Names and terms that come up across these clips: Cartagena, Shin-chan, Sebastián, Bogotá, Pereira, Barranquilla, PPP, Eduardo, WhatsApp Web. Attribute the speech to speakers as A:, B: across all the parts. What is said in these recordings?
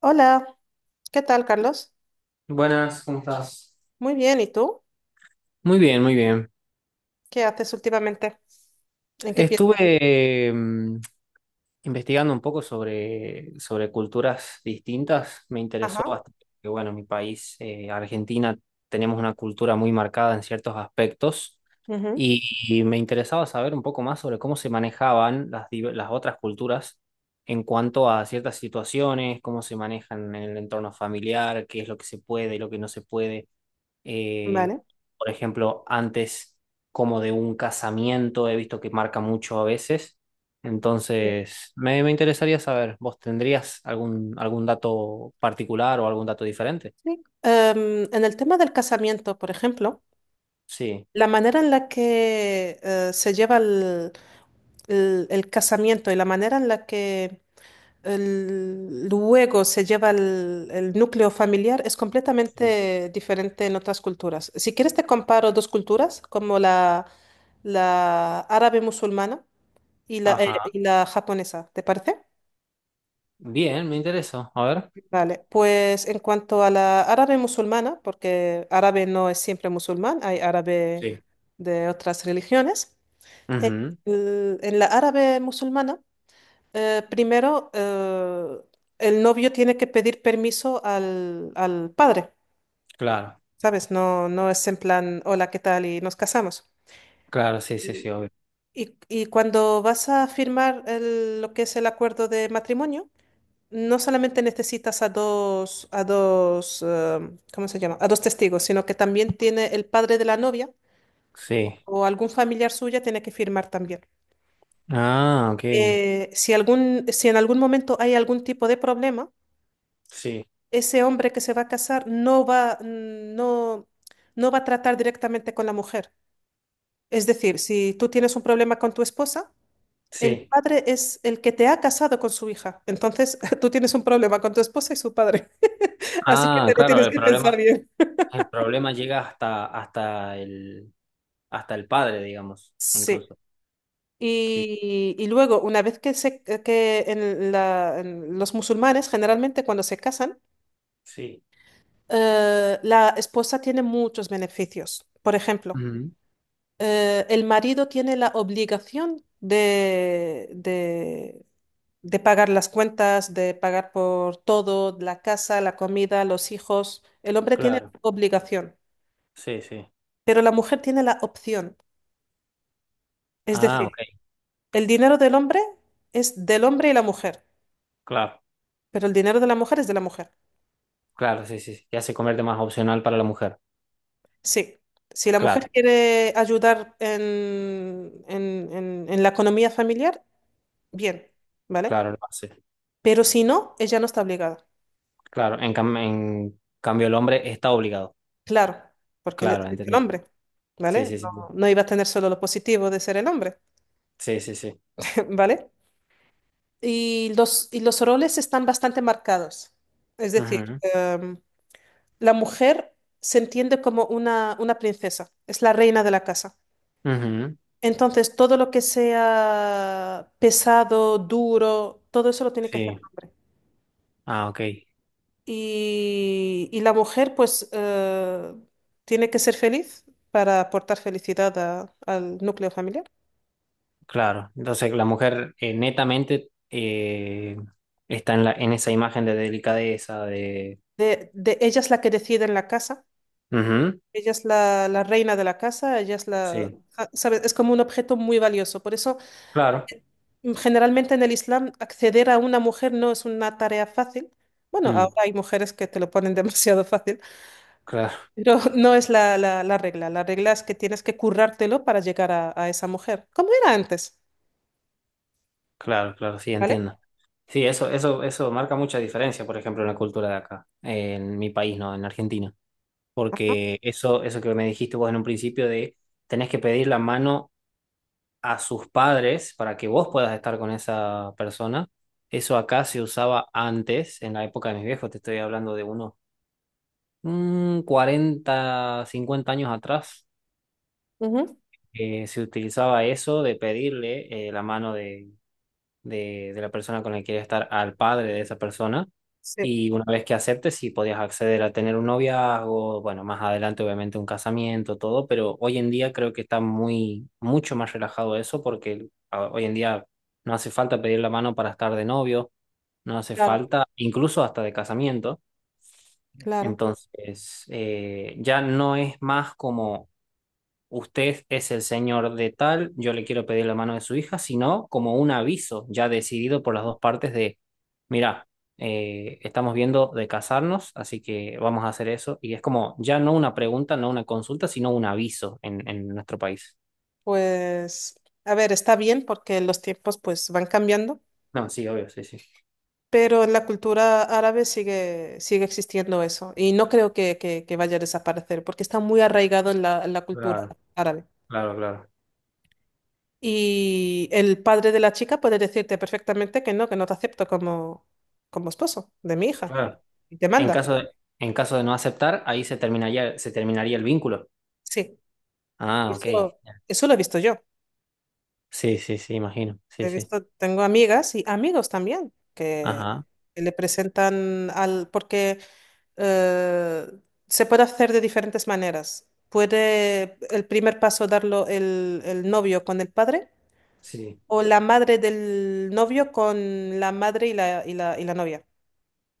A: Hola, ¿qué tal, Carlos?
B: Buenas, ¿cómo estás?
A: Muy bien, ¿y tú?
B: Muy bien, muy bien.
A: ¿Qué haces últimamente? ¿En qué piensas?
B: Estuve investigando un poco sobre culturas distintas. Me interesó
A: Ajá.
B: bastante, que bueno, mi país, Argentina, tenemos una cultura muy marcada en ciertos aspectos
A: Ujú.
B: y, y me interesaba saber un poco más sobre cómo se manejaban las, las otras culturas en cuanto a ciertas situaciones, cómo se manejan en el entorno familiar, qué es lo que se puede y lo que no se puede. eh,
A: Vale.
B: por ejemplo, antes como de un casamiento, he visto que marca mucho a veces.
A: Sí.
B: Entonces, me interesaría saber, ¿vos tendrías algún, algún dato particular o algún dato diferente?
A: Sí. En el tema del casamiento, por ejemplo,
B: Sí.
A: la manera en la que se lleva el casamiento y la manera en la que luego se lleva el núcleo familiar es
B: Sí.
A: completamente diferente en otras culturas. Si quieres, te comparo dos culturas, como la árabe musulmana y la, eh,
B: Ajá.
A: y la japonesa, ¿te parece?
B: Bien, me interesa. A ver.
A: Vale, pues en cuanto a la árabe musulmana, porque árabe no es siempre musulmán, hay árabe
B: Sí.
A: de otras religiones. en,
B: Ujú.
A: el- en la árabe musulmana, primero, el novio tiene que pedir permiso al padre,
B: Claro,
A: ¿sabes? No, no es en plan, «hola, ¿qué tal?», y nos casamos.
B: claro, sí, sí, sí,
A: Y,
B: obvio.
A: y cuando vas a firmar lo que es el acuerdo de matrimonio, no solamente necesitas a dos, ¿cómo se llama? A dos testigos, sino que también tiene el padre de la novia
B: Sí.
A: o algún familiar suya tiene que firmar también.
B: Ah, ok.
A: Si algún, si en algún momento hay algún tipo de problema,
B: Sí,
A: ese hombre que se va a casar no va a tratar directamente con la mujer. Es decir, si tú tienes un problema con tu esposa, el
B: sí.
A: padre es el que te ha casado con su hija. Entonces, tú tienes un problema con tu esposa y su padre. Así que
B: Ah,
A: te lo
B: claro,
A: tienes
B: el
A: que pensar
B: problema.
A: bien.
B: El problema llega hasta, hasta el padre, digamos,
A: Sí.
B: incluso. Sí,
A: Y luego, una vez que, se, que en la- en los musulmanes, generalmente cuando se casan,
B: sí.
A: la esposa tiene muchos beneficios. Por ejemplo,
B: Ujú.
A: el marido tiene la obligación de pagar las cuentas, de pagar por todo, la casa, la comida, los hijos. El hombre tiene
B: Claro,
A: la obligación,
B: sí, sí.
A: pero la mujer tiene la opción. Es
B: Ah, ok,
A: decir, el dinero del hombre es del hombre y la mujer.
B: claro,
A: Pero el dinero de la mujer es de la mujer.
B: claro, sí, sí, sí. Ya se convierte más opcional para la mujer.
A: Sí. Si la mujer
B: Claro,
A: quiere ayudar en la economía familiar, bien, ¿vale?
B: claro, lo hace.
A: Pero si no, ella no está obligada.
B: Claro, en, en cambio el hombre está obligado.
A: Claro, porque él es
B: Claro,
A: el
B: entendí.
A: hombre,
B: Sí,
A: ¿vale?
B: sí,
A: No,
B: sí.
A: no iba a tener solo lo positivo de ser el hombre,
B: Sí, sí, sí.
A: ¿vale? Y los roles están bastante marcados. Es decir,
B: Ujú,
A: la mujer se entiende como una princesa, es la reina de la casa.
B: ujú.
A: Entonces, todo lo que sea pesado, duro, todo eso lo tiene que hacer el
B: Sí.
A: hombre.
B: Ah, ok,
A: Y la mujer, pues, tiene que ser feliz para aportar felicidad al núcleo familiar.
B: claro. Entonces la mujer netamente está en la, en esa imagen de delicadeza, de...
A: Ella es la que decide en la casa,
B: Ujú.
A: ella es la reina de la casa, ella es la,
B: Sí,
A: ah, ¿sabes? Es como un objeto muy valioso. Por eso,
B: claro.
A: eh, generalmente en el Islam, acceder a una mujer no es una tarea fácil. Bueno,
B: Mm,
A: ahora hay mujeres que te lo ponen demasiado fácil.
B: claro,
A: Pero no es la regla. La regla es que tienes que currártelo para llegar a esa mujer. ¿Cómo era antes?
B: claro, claro, sí,
A: ¿Vale?
B: entiendo. Sí, eso marca mucha diferencia, por ejemplo, en la cultura de acá, en mi país, ¿no? En Argentina.
A: Ajá.
B: Porque eso que me dijiste vos en un principio de tenés que pedir la mano a sus padres para que vos puedas estar con esa persona. Eso acá se usaba antes, en la época de mis viejos, te estoy hablando de unos 40, 50 años atrás,
A: Ujú.
B: se utilizaba eso de pedirle la mano de la persona con la que quieres estar al padre de esa persona.
A: Sí,
B: Y una vez que aceptes, sí podías acceder a tener un noviazgo, bueno, más adelante obviamente un casamiento, todo, pero hoy en día creo que está muy, mucho más relajado eso porque hoy en día no hace falta pedir la mano para estar de novio, no hace
A: claro,
B: falta, incluso hasta de casamiento.
A: claro.
B: Entonces, ya no es más como usted es el señor de tal, yo le quiero pedir la mano de su hija, sino como un aviso ya decidido por las dos partes de, mira, estamos viendo de casarnos, así que vamos a hacer eso. Y es como ya no una pregunta, no una consulta, sino un aviso en nuestro país.
A: Pues, a ver, está bien porque los tiempos pues van cambiando,
B: No, sí, obvio, sí, sí.
A: pero en la cultura árabe sigue existiendo eso. Y no creo que vaya a desaparecer porque está muy arraigado en la cultura
B: Claro,
A: árabe.
B: claro, claro,
A: Y el padre de la chica puede decirte perfectamente que no te acepto como, esposo de mi hija, y
B: claro.
A: te
B: En
A: manda.
B: caso de, en caso de no aceptar, ahí se terminaría el vínculo.
A: Sí,
B: Ah, ok.
A: eso, eso lo he visto yo.
B: Sí, sí, sí, imagino. Sí,
A: He
B: sí.
A: visto, tengo amigas y amigos también que
B: Ajá.
A: le presentan porque eh, se puede hacer de diferentes maneras. Puede el primer paso darlo el novio con el padre
B: Sí,
A: o la madre del novio con la madre y la novia.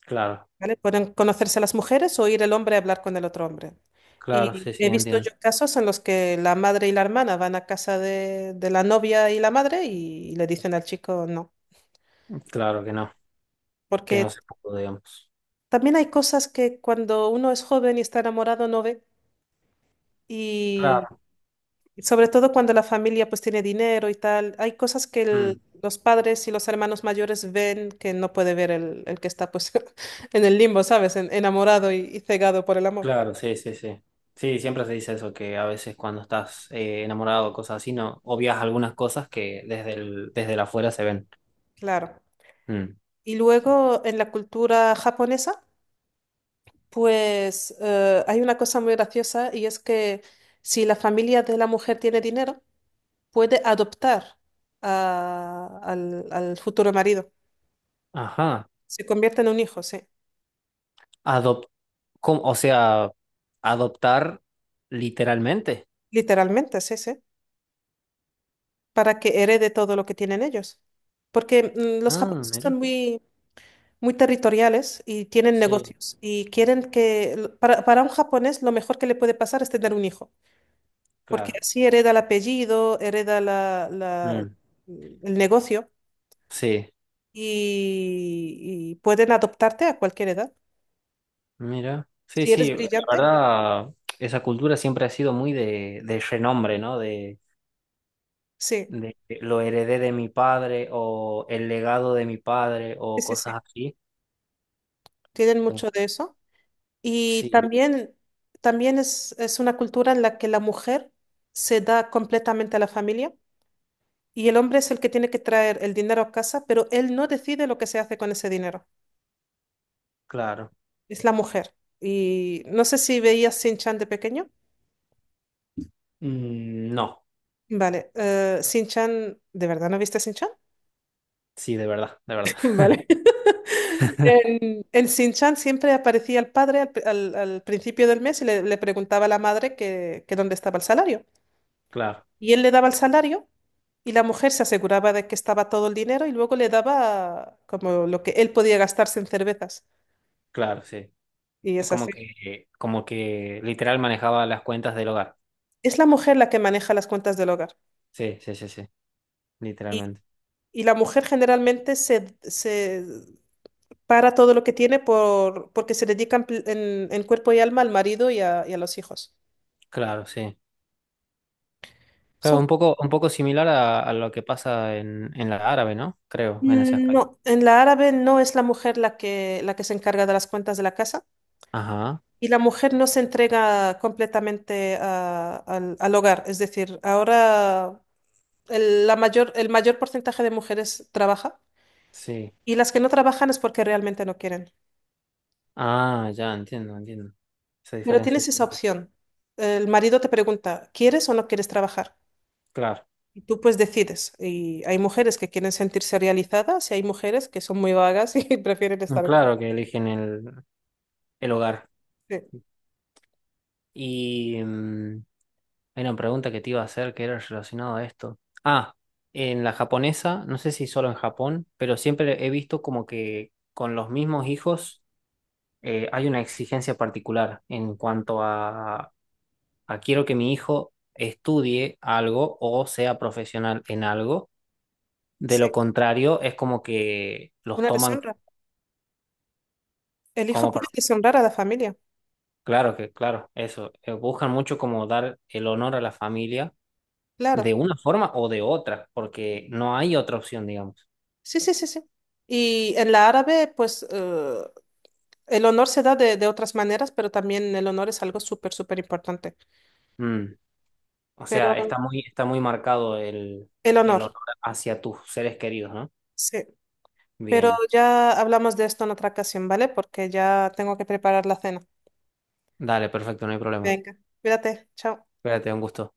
B: claro,
A: ¿Vale? Pueden conocerse las mujeres o ir el hombre a hablar con el otro hombre.
B: claro,
A: Y
B: sí, sí,
A: he visto
B: entiendo.
A: yo casos en los que la madre y la hermana van a casa de la novia y la madre y le dicen al chico no.
B: Claro que
A: Porque
B: no se pudo, digamos.
A: también hay cosas que cuando uno es joven y está enamorado no ve. Y
B: Claro.
A: sobre todo cuando la familia pues tiene dinero y tal, hay cosas que
B: Mm,
A: los padres y los hermanos mayores ven que no puede ver el que está pues en el limbo, ¿sabes? Enamorado y cegado por el amor.
B: claro, sí, sí, sí. Sí, siempre se dice eso, que a veces cuando estás enamorado o cosas así, no obvias algunas cosas que desde el afuera se ven.
A: Claro.
B: Mm,
A: Y
B: sí.
A: luego en la cultura japonesa, pues hay una cosa muy graciosa, y es que si la familia de la mujer tiene dinero, puede adoptar al futuro marido.
B: Ajá.
A: Se convierte en un hijo, sí.
B: Adop, ¿cómo? O sea, adoptar literalmente.
A: Literalmente, sí, sí. Para que herede todo lo que tienen ellos. Porque los
B: Ah,
A: japoneses son
B: mira.
A: muy, muy territoriales y tienen
B: Sí,
A: negocios y quieren para un japonés, lo mejor que le puede pasar es tener un hijo, porque
B: claro.
A: así hereda el apellido, hereda
B: Mm,
A: el negocio,
B: sí,
A: y pueden adoptarte a cualquier edad.
B: mira. Sí,
A: Si eres
B: sí, la
A: brillante,
B: verdad, esa cultura siempre ha sido muy de renombre, ¿no?
A: sí,
B: De lo heredé de mi padre o el legado de mi padre
A: sí,
B: o
A: sí, sí.
B: cosas así.
A: Tienen
B: Entonces,
A: mucho de eso. Y
B: sí,
A: también es una cultura en la que la mujer se da completamente a la familia y el hombre es el que tiene que traer el dinero a casa, pero él no decide lo que se hace con ese dinero.
B: claro.
A: Es la mujer. Y no sé si veías Sin chan de pequeño.
B: Mm, no,
A: Vale, Shin-chan, ¿de verdad no viste Shin-chan?
B: sí, de verdad, de verdad.
A: Vale. En Shin-chan siempre aparecía el padre al principio del mes y le preguntaba a la madre que dónde estaba el salario.
B: Claro,
A: Y él le daba el salario y la mujer se aseguraba de que estaba todo el dinero y luego le daba como lo que él podía gastarse en cervezas.
B: claro, sí.
A: Y
B: Es
A: es así.
B: como que literal manejaba las cuentas del hogar.
A: Es la mujer la que maneja las cuentas del hogar.
B: Sí, sí, sí, sí,
A: Y,
B: literalmente.
A: y la mujer generalmente se para todo lo que tiene porque se dedican en cuerpo y alma al marido y a los hijos.
B: Claro, sí. Claro,
A: Son,
B: un poco similar a lo que pasa en la árabe, ¿no? Creo, en ese aspecto.
A: no, en la árabe no es la mujer la que, se encarga de las cuentas de la casa,
B: Ajá,
A: y la mujer no se entrega completamente al hogar. Es decir, ahora el mayor porcentaje de mujeres trabaja
B: sí.
A: y las que no trabajan es porque realmente no quieren.
B: Ah, ya, entiendo, entiendo. Esa
A: Pero
B: diferencia,
A: tienes
B: sí.
A: esa opción. El marido te pregunta, ¿quieres o no quieres trabajar?
B: Claro.
A: Y tú pues decides. Y hay mujeres que quieren sentirse realizadas y hay mujeres que son muy vagas y prefieren
B: No,
A: estar en casa.
B: claro que eligen el hogar.
A: Sí,
B: Y hay una pregunta que te iba a hacer que era relacionada a esto. Ah, en la japonesa, no sé si solo en Japón, pero siempre he visto como que con los mismos hijos hay una exigencia particular en cuanto a quiero que mi hijo estudie algo o sea profesional en algo. De
A: sí,
B: lo contrario, es como que los
A: una
B: toman
A: deshonra. El hijo
B: como
A: puede
B: para...
A: deshonrar a la familia,
B: Claro que, claro, eso. Buscan mucho como dar el honor a la familia de
A: claro.
B: una forma o de otra, porque no hay otra opción, digamos.
A: Sí, sí, sí, sí. Y en la árabe, pues el honor se da de otras maneras, pero también el honor es algo súper, súper importante.
B: Mm. O
A: Pero
B: sea, está muy marcado
A: el
B: el honor
A: honor,
B: hacia tus seres queridos, ¿no?
A: sí. Pero
B: Bien.
A: ya hablamos de esto en otra ocasión, ¿vale? Porque ya tengo que preparar la cena.
B: Dale, perfecto, no hay problema.
A: Venga, cuídate, chao.
B: Espérate, un gusto.